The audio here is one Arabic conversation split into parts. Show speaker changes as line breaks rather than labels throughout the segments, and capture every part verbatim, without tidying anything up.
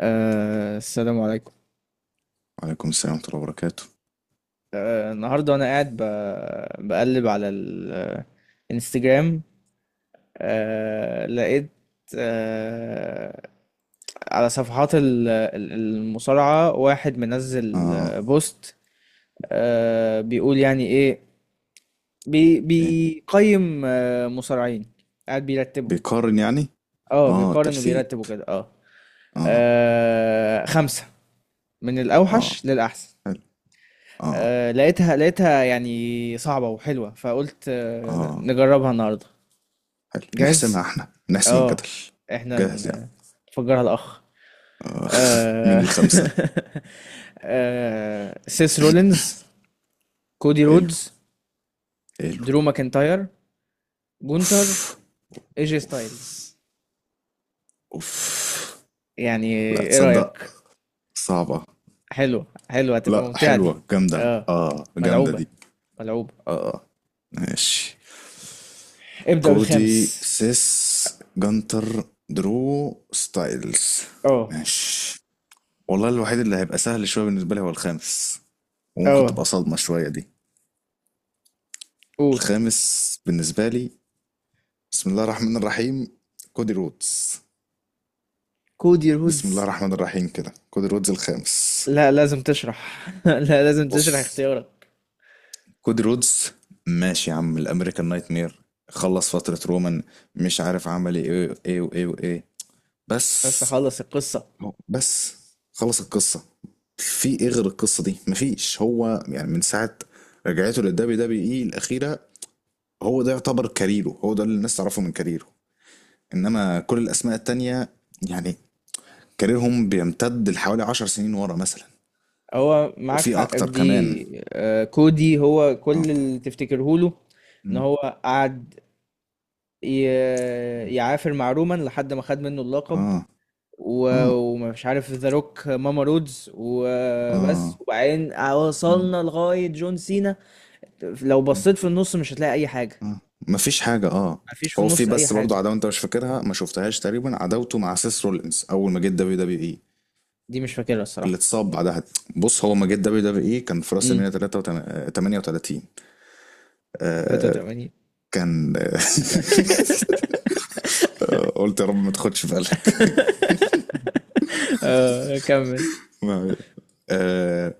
آه السلام عليكم.
وعليكم السلام ورحمة الله وبركاته.
آه النهارده وانا قاعد ب- بقلب على الانستجرام. آه لقيت آه على صفحات ال- ال- المصارعة واحد منزل،
اه.
آه، بوست. آه بيقول يعني ايه. بي
ايه.
بيقيم آه مصارعين، قاعد بيرتبهم.
بيقارن يعني؟
اه،
اه.
بيقارن
ترتيب.
وبيرتبه كده، اه.
اه.
آه، خمسة، من
اه.
الأوحش للأحسن.
حلو. اه.
آه لقيتها لقيتها يعني صعبة وحلوة، فقلت آه
اه.
نجربها النهاردة.
حلو، نحسمها
جاهز؟
احنا، نحسم الجدل.
اه. احنا
جاهز يعني؟
ن- نفجرها الأخ.
آه. مين
آه.
الخمسة؟
آه سيس رولينز، كودي
حلو.
رودز،
حلو.
درو ماكنتاير، جونتر،
اوف.
ايجي ستايلز.
اوف.
يعني
لا
ايه
تصدق.
رأيك؟
صعبة.
حلوة، حلوة، هتبقى
لا،
ممتعة دي.
حلوة جامدة،
اه،
اه جامدة
ملعوبة،
دي.
ملعوبة.
اه. ماشي.
ابدأ
كودي،
بالخامس.
سيس، جنتر، درو، ستايلز.
اه،
ماشي. والله الوحيد اللي هيبقى سهل شوية بالنسبة لي هو الخامس، وممكن تبقى
اه.
صدمة شوية دي.
قول.
الخامس بالنسبة لي، بسم الله الرحمن الرحيم، كودي رودز.
كودي
بسم الله
رودز.
الرحمن الرحيم كده، كودي رودز الخامس.
لا لازم تشرح، لا لازم تشرح
بص،
اختيارك.
كودي رودز، ماشي يا عم الامريكان نايت مير، خلص فترة رومان، مش عارف عمل ايه وايه وايه وايه.
بس
بس
خلص القصة.
هو- بس خلص القصة. في ايه غير القصة دي؟ مفيش. هو يعني من ساعة رجعته للدبليو دبليو اي الأخيرة، هو ده يعتبر كاريره، هو ده اللي الناس تعرفه من كاريره. انما كل الاسماء التانية يعني كاريرهم بيمتد لحوالي عشر سنين ورا مثلا،
هو معاك
وفي
حق في
اكتر كمان.
دي، آه، كودي هو
اه.
كل اللي تفتكره له. ان
م.
هو قعد ي- يعافر مع رومان لحد ما خد منه اللقب.
اه. اه.
و- ومش عارف ذا روك ماما رودز وبس،
اه.
وبعدين
م.
وصلنا لغاية جون سينا. لو
اه.
بصيت في النص مش هتلاقي اي حاجة.
اه مفيش حاجة. اه.
مفيش في
هو في
النص اي
بس برضو
حاجة.
عداوة انت مش فاكرها، ما شفتهاش تقريبا، عداوته مع سيس رولينز اول ما جه دبليو دبليو اي،
دي مش فاكرها
اللي
الصراحة.
اتصاب بعدها. بص، هو ما جه دبليو دبليو اي كان في راس
امم.
المينيا تمنية وتلاتين. آه
ثلاثة وثمانين.
كان قلت يا رب ما تاخدش بالك.
اه كمل.
ما- آه،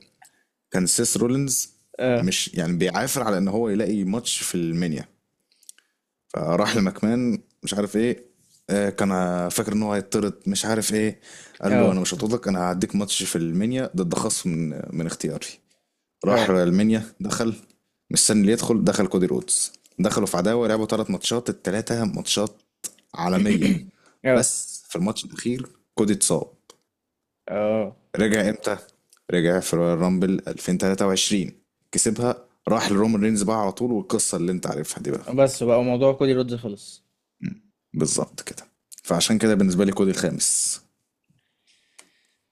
كان سيس رولينز
اه،
مش يعني بيعافر على ان هو يلاقي ماتش في المنيا، فراح لمكمان مش عارف ايه. آه، كان فاكر ان هو هيطرد مش عارف ايه، قال له
اه،
انا مش هطردك، انا هديك ماتش في المنيا ضد خصم من من اختياري. راح
اه،
المنيا، دخل مستني اللي يدخل، دخل كودي رودز. دخلوا في عداوه، لعبوا ثلاث ماتشات، الثلاثه ماتشات عالميه.
اه،
بس في الماتش الاخير كودي اتصاب.
اه.
رجع امتى؟ رجع في رويال رامبل ألفين وتلاتة وعشرين. كسبها، راح لرومان رينز بقى على طول، والقصة اللي انت عارفها دي بقى.
بس بقى موضوع كودي رودز خلص.
مم. بالظبط كده. فعشان كده بالنسبة لي كودي الخامس.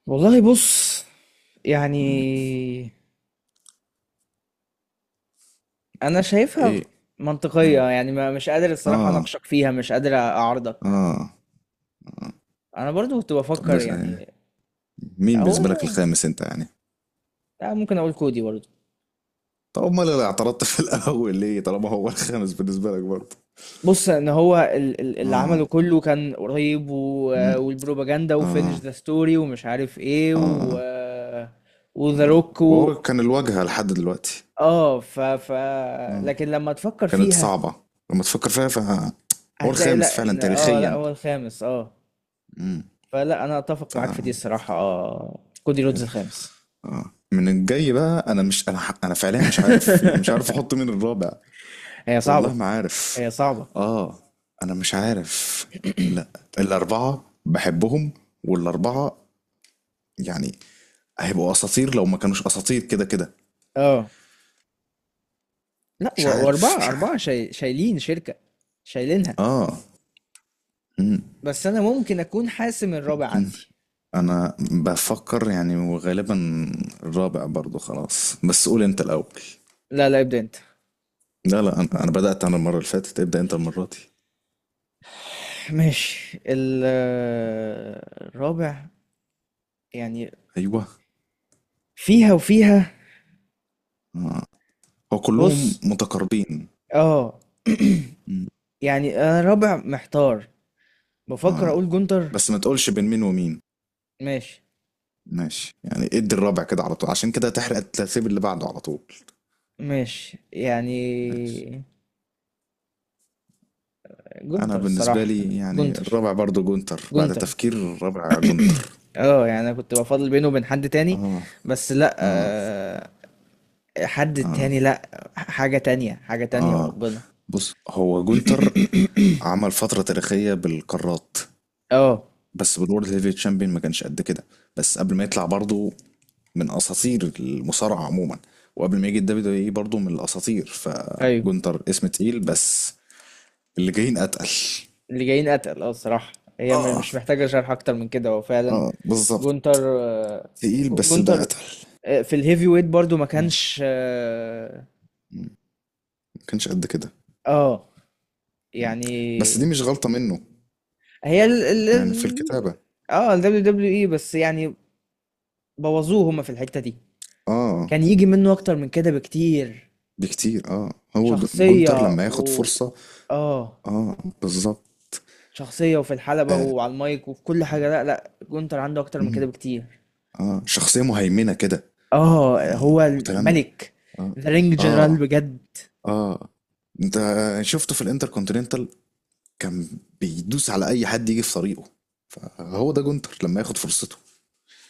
والله بص، يعني
مم.
انا شايفها
ايه؟
منطقية،
اه.
يعني ما مش قادر الصراحة
اه.
اناقشك فيها، مش قادر اعارضك.
اه. آه.
انا برضو كنت
طب
بفكر
بس آه،
يعني.
مين
هو
بالنسبة لك الخامس انت يعني؟
أنا ممكن اقول كودي برضو.
طب امال اللي اعترضت في الاول ليه؟ طالما هو الخامس بالنسبة لك برضه.
بص ان هو ال- ال- اللي
اه.
عمله كله كان قريب،
مم.
و- والبروباجندا وفينش
اه.
ذا ستوري ومش عارف ايه، و
اه.
وذا
اه
روك.
وهو كان الواجهة لحد دلوقتي.
اه، ف ف
اه،
لكن لما تفكر
كانت
فيها
صعبة. لما تفكر فيها فهو
هتلاقي
الخامس
لا،
فعلا
ان اه لا
تاريخيا.
هو الخامس اه.
امم.
فلا، انا اتفق
ف
معاك في دي الصراحة، اه كودي
حلو.
رودز الخامس.
اه، من الجاي بقى انا مش انا ح- انا فعليا مش عارف، يعني مش عارف احط مين الرابع.
هي
والله
صعبة،
ما عارف.
هي صعبة.
اه. انا مش عارف. لا، الاربعة بحبهم، والاربعة يعني هيبقوا اساطير لو ما كانوش اساطير كده كده.
اه لا، و-
مش عارف
واربعة،
مش
اربعة
عارف.
شاي... شايلين شركة، شايلينها.
اه. مم.
بس انا ممكن اكون حاسم الرابع
ممكن.
عندي.
انا بفكر يعني، وغالبا الرابع برضو خلاص، بس قول انت الاول.
لا لا ابدا انت.
لا لا، انا انا بدأت انا المرة اللي فاتت، ابدأ انت المرة دي.
ماشي. ال- الرابع يعني،
ايوه.
فيها وفيها.
آه. هو كلهم
بص،
متقاربين.
اه.
مم.
يعني انا رابع محتار، بفكر
اه.
اقول جونتر.
بس ما تقولش بين مين ومين.
ماشي،
ماشي يعني، ادي الرابع كده على طول، عشان كده تحرق الترتيب اللي بعده على طول.
ماشي يعني.
ماشي. انا
جونتر
بالنسبة
الصراحة.
لي يعني
جونتر،
الرابع برضو جونتر، بعد
جونتر.
تفكير الرابع جونتر.
اه يعني انا كنت بفضل بينه وبين حد تاني،
اه.
بس لا
اه.
آه، حد
اه.
تاني لا، حاجة تانية، حاجة تانية
اه.
وربنا.
بص، هو جونتر عمل فترة تاريخية بالقارات،
اه
بس بالورد هيفي تشامبيون ما كانش قد كده. بس قبل ما يطلع برضه، من اساطير المصارعه عموما، وقبل ما يجي الدبليو دبليو اي برضه من الاساطير،
ايوه.
فجونتر اسم تقيل، بس اللي جايين اتقل.
اللي جايين قتل اه الصراحة. هي م-
اه.
مش محتاجة شرح اكتر من كده، هو فعلا
اه بالظبط،
جونتر. آه،
تقيل بس الباقي
جونتر.
اتقل.
آه، في الهيفي ويت برضو ما
اه.
كانش اه.
مم. ما كانش قد كده.
آه،
مم. بس
يعني.
دي مش غلطه منه،
هي ال ال
يعني في
ال
الكتابه.
اه ال دبليو دبليو اي بس، يعني بوظوه هما في الحتة دي.
اه.
كان يجي منه اكتر من كده بكتير.
بكتير اه. هو د-
شخصية
جونتر لما ياخد
و
فرصه.
اه،
اه. بالظبط.
شخصية وفي الحلبة
آه.
وعلى المايك وفي كل حاجة. لا لا، جونتر عنده اكتر من كده
مم.
بكتير.
اه، شخصيه مهيمنه كده،
اه،
يعني
هو
متنمر.
الملك،
اه.
ذا رينج جنرال
اه.
بجد.
اه. انت شفته في الانتر كونتيننتال، كان بيدوس على اي حد يجي في طريقه. فهو ده جونتر لما ياخد فرصته،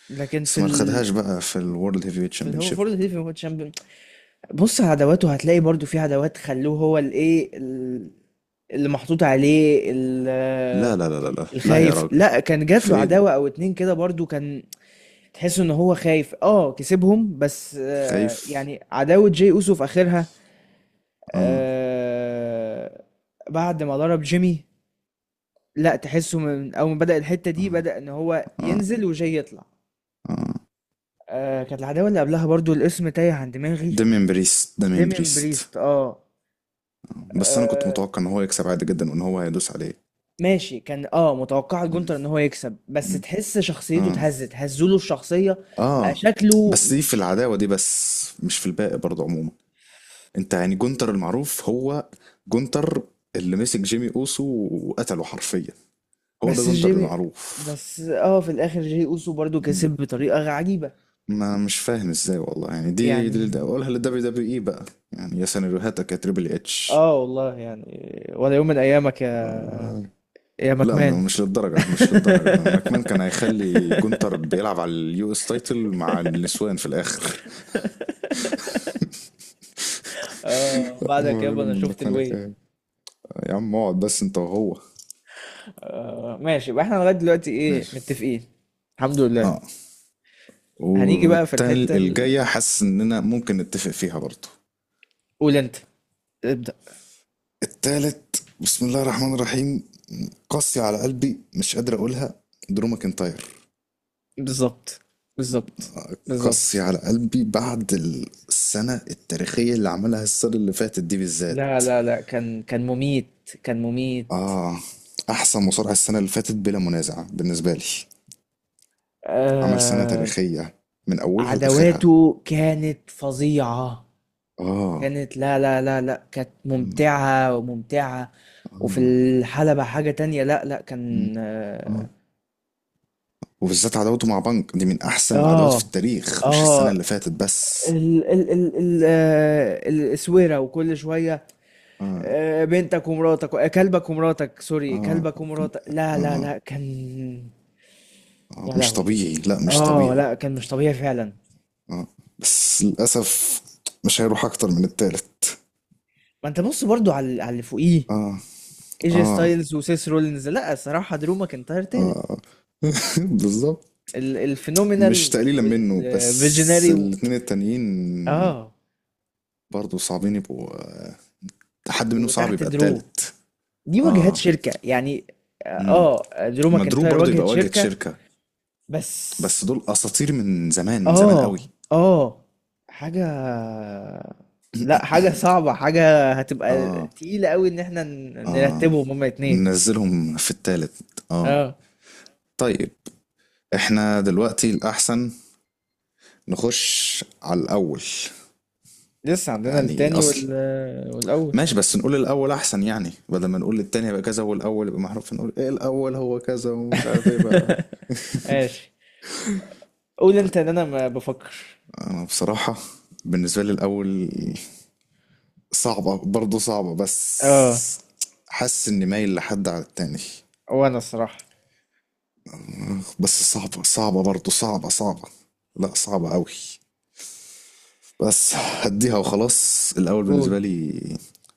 لكن
بس
في
ما
ال،
خدهاش بقى في الورلد هيفي ويت
في اللي هو
شامبيونشيب.
فورد هيفي هو تشامبيون. بص على عداواته هتلاقي برضو في عداوات خلوه هو الايه ال- اللي محطوط عليه ال-
لا لا لا لا لا لا يا
الخايف.
راجل،
لا، كان جات
في
له
ايه دي؟
عداوة او اتنين كده برضو، كان تحس ان هو خايف، اه كسبهم بس، آه
خايف.
يعني عداوة جاي اوسو في اخرها.
اه.
آه، بعد ما ضرب جيمي. لا تحسه من اول ما بدأ الحتة دي،
اه.
بدأ ان هو
اه.
ينزل وجاي يطلع.
اه.
آه كانت العداوة اللي قبلها برضو، الاسم تايه عن دماغي.
دامين بريست، دامين
ديمين
بريست.
بريست اه.
آه. بس انا كنت
آه،
متوقع ان هو يكسب عادي جدا، وان هو هيدوس عليه.
ماشي، كان اه متوقع
مم.
جونتر ان هو يكسب، بس
مم.
تحس شخصيته
اه.
اتهزت، هزوله الشخصية. بقى
اه.
شكله
بس دي في
مش.
العداوة دي بس، مش في الباقي برضه عموما. انت يعني جونتر المعروف هو جونتر اللي مسك جيمي اوسو وقتله حرفيا، هو ده
بس
جونتر
جيمي،
المعروف.
بس اه في الاخر جي اوسو برضو كسب
مم.
بطريقة عجيبة.
ما مش فاهم ازاي والله، يعني دي دي
يعني
دي- اقولها للدبليو دبليو اي بقى، يعني يا سيناريوهاتك يا تريبل اتش.
اه والله يعني، ولا يوم من ايامك يا
آه.
يا
لا،
مكمان.
م- مش للدرجة مش للدرجة، ماكمان كان هيخلي جونتر بيلعب على اليو اس تايتل مع النسوان في الآخر.
اه
ما
بعدك يابا
يقولوا
انا
من
شفت الويل.
ماكمان، يا عم اقعد بس انت وهو.
آه ماشي، يبقى احنا لغاية دلوقتي ايه،
ماشي.
متفقين. الحمد لله.
اه.
هنيجي بقى في
والتاني
الحتة ال-
الجاية حاسس إننا ممكن نتفق فيها برضه.
قول انت، ابدأ.
التالت، بسم الله الرحمن الرحيم، قاسية على قلبي مش قادر أقولها، درو ماكنتاير.
بالظبط، بالظبط،
قاسية
بالظبط.
على قلبي بعد السنة التاريخية اللي عملها، السنة اللي فاتت دي
لا
بالذات.
لا لا، كان كان مميت، كان مميت.
آه. أحسن مصارع السنة اللي فاتت بلا منازع بالنسبة لي، عمل سنة
آه،
تاريخية من أولها لآخرها.
عدواته كانت فظيعة،
آه.
كانت لا لا لا لا، كانت ممتعة وممتعة.
آه.
وفي
آه.
الحلبة حاجة تانية، لا لا كان.
آه. وبالذات عداوته مع بنك دي، من احسن العداوات
اه
في
اه،
التاريخ، مش السنه
آه،
اللي فاتت بس.
ال ال ال ال آه، الاسوره وكل شويه،
اه.
آه، بنتك ومراتك، آه، كلبك ومراتك، سوري
اه.
كلبك ومراتك. لا لا
اه.
لا، كان
آه.
يا
مش
لهوي.
طبيعي، لا مش
اه
طبيعي.
لا كان مش طبيعي فعلا.
اه. بس للاسف مش هيروح اكتر من التالت.
ما انت بص برضو على على اللي فوقيه،
اه.
ايجي
اه.
ستايلز وسيس رولينز. لا الصراحه درو ماكنتاير تالت.
اه. بالظبط.
ال-
مش
الفينومينال
تقليلا منه، بس
والفيجنري و...
الاتنين التانيين
اه.
برضه صعبين يبقوا، حد منهم صعب
وتحت
يبقى
درو
التالت.
دي واجهات
اه.
شركه يعني.
امم.
اه، آه، درو
مدرو
ماكنتاير
برضه
واجهه
يبقى واجهة
شركه
شركة،
بس.
بس دول اساطير من زمان، من زمان
اه
قوي.
اه، حاجه، لا حاجه صعبه، حاجه هتبقى
اه.
تقيله قوي ان احنا ن-
اه.
نرتبهم هما اتنين.
ننزلهم في التالت اه.
اه،
طيب، احنا دلوقتي الاحسن نخش على الاول،
لسه عندنا
يعني
التاني
اصل،
وال... والاول.
ماشي بس نقول الاول احسن، يعني بدل ما نقول التاني يبقى كذا والاول يبقى محروف، نقول ايه الاول هو كذا ومش عارف ايه بقى.
ماشي، قول انت ان
طيب.
انا ما بفكر.
انا بصراحة بالنسبة لي الاول صعبة، برضه صعبة
اه
بس حاسس اني مايل لحد على التاني.
وانا الصراحة.
بس صعبة، صعبة برضه، صعبة صعبة، لا صعبة قوي. بس هديها وخلاص، الاول
قول.
بالنسبه لي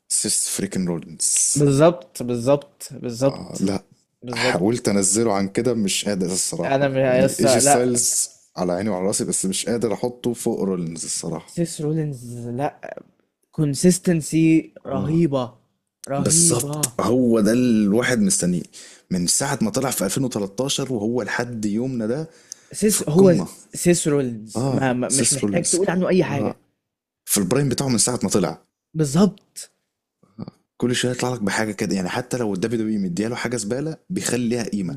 سيس فريكن رولينز.
بالظبط، بالظبط،
آه
بالظبط،
لا،
بالظبط.
حاولت انزله عن كده مش قادر
انا
الصراحه،
م-
يعني
لسه
ايجي
لا.
ستايلز على عيني وعلى راسي، بس مش قادر احطه فوق رولينز الصراحه.
سيس رولينز لا، كونسيستنسي
اه،
رهيبة،
بالظبط،
رهيبة.
هو ده الواحد مستنيه من ساعة ما طلع في ألفين وثلاثة عشر، وهو لحد يومنا ده في
سيس هو،
القمة.
سيس رولينز
اه،
ما ما- مش
سيس
محتاج
رولينز.
تقول عنه اي
اه،
حاجة.
في البرايم بتاعه من ساعة ما طلع.
بالظبط.
كل شويه يطلع لك بحاجه كده، يعني حتى لو الدبليو دبليو مدياله حاجه زباله بيخلي ليها قيمه.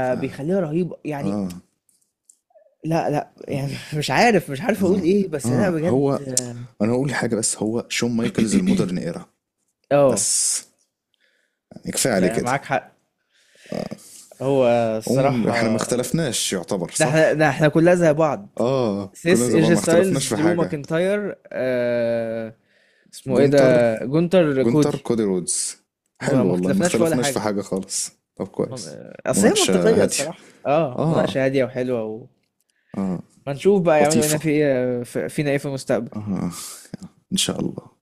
ف
بيخليها رهيبة يعني.
اه.
لا لا يعني، مش عارف، مش عارف اقول
اه.
ايه، بس لا
اه.
بجد.
هو، انا هقول حاجه بس، هو شون مايكلز المودرن ايرا،
اه
بس، يعني كفايه عليه كده.
فمعاك حق. هو
عموما
الصراحة.
احنا ما اختلفناش، يعتبر
ده احنا،
صح.
ده احنا كلها زي بعض.
اه، كلنا
سيس،
زمان
ايجي
ما
ستايلز،
اختلفناش في
درو
حاجه.
ماكنتاير، آه اسمه ايه ده،
جونتر.
جونتر،
جونتر،
كودي.
كودي رودز.
ما
حلو
ما
والله، ما
اختلفناش في ولا
اختلفناش في
حاجة.
حاجه خالص. طب
من-
كويس.
آه، اصل هي
مناقشه
منطقية
هاديه.
الصراحة، اه
اه.
مناقشة هادية وحلوة وما.
اه.
نشوف بقى يعملوا هنا
لطيفه.
في ايه، في- فينا ايه في المستقبل.
اه. ان شاء الله.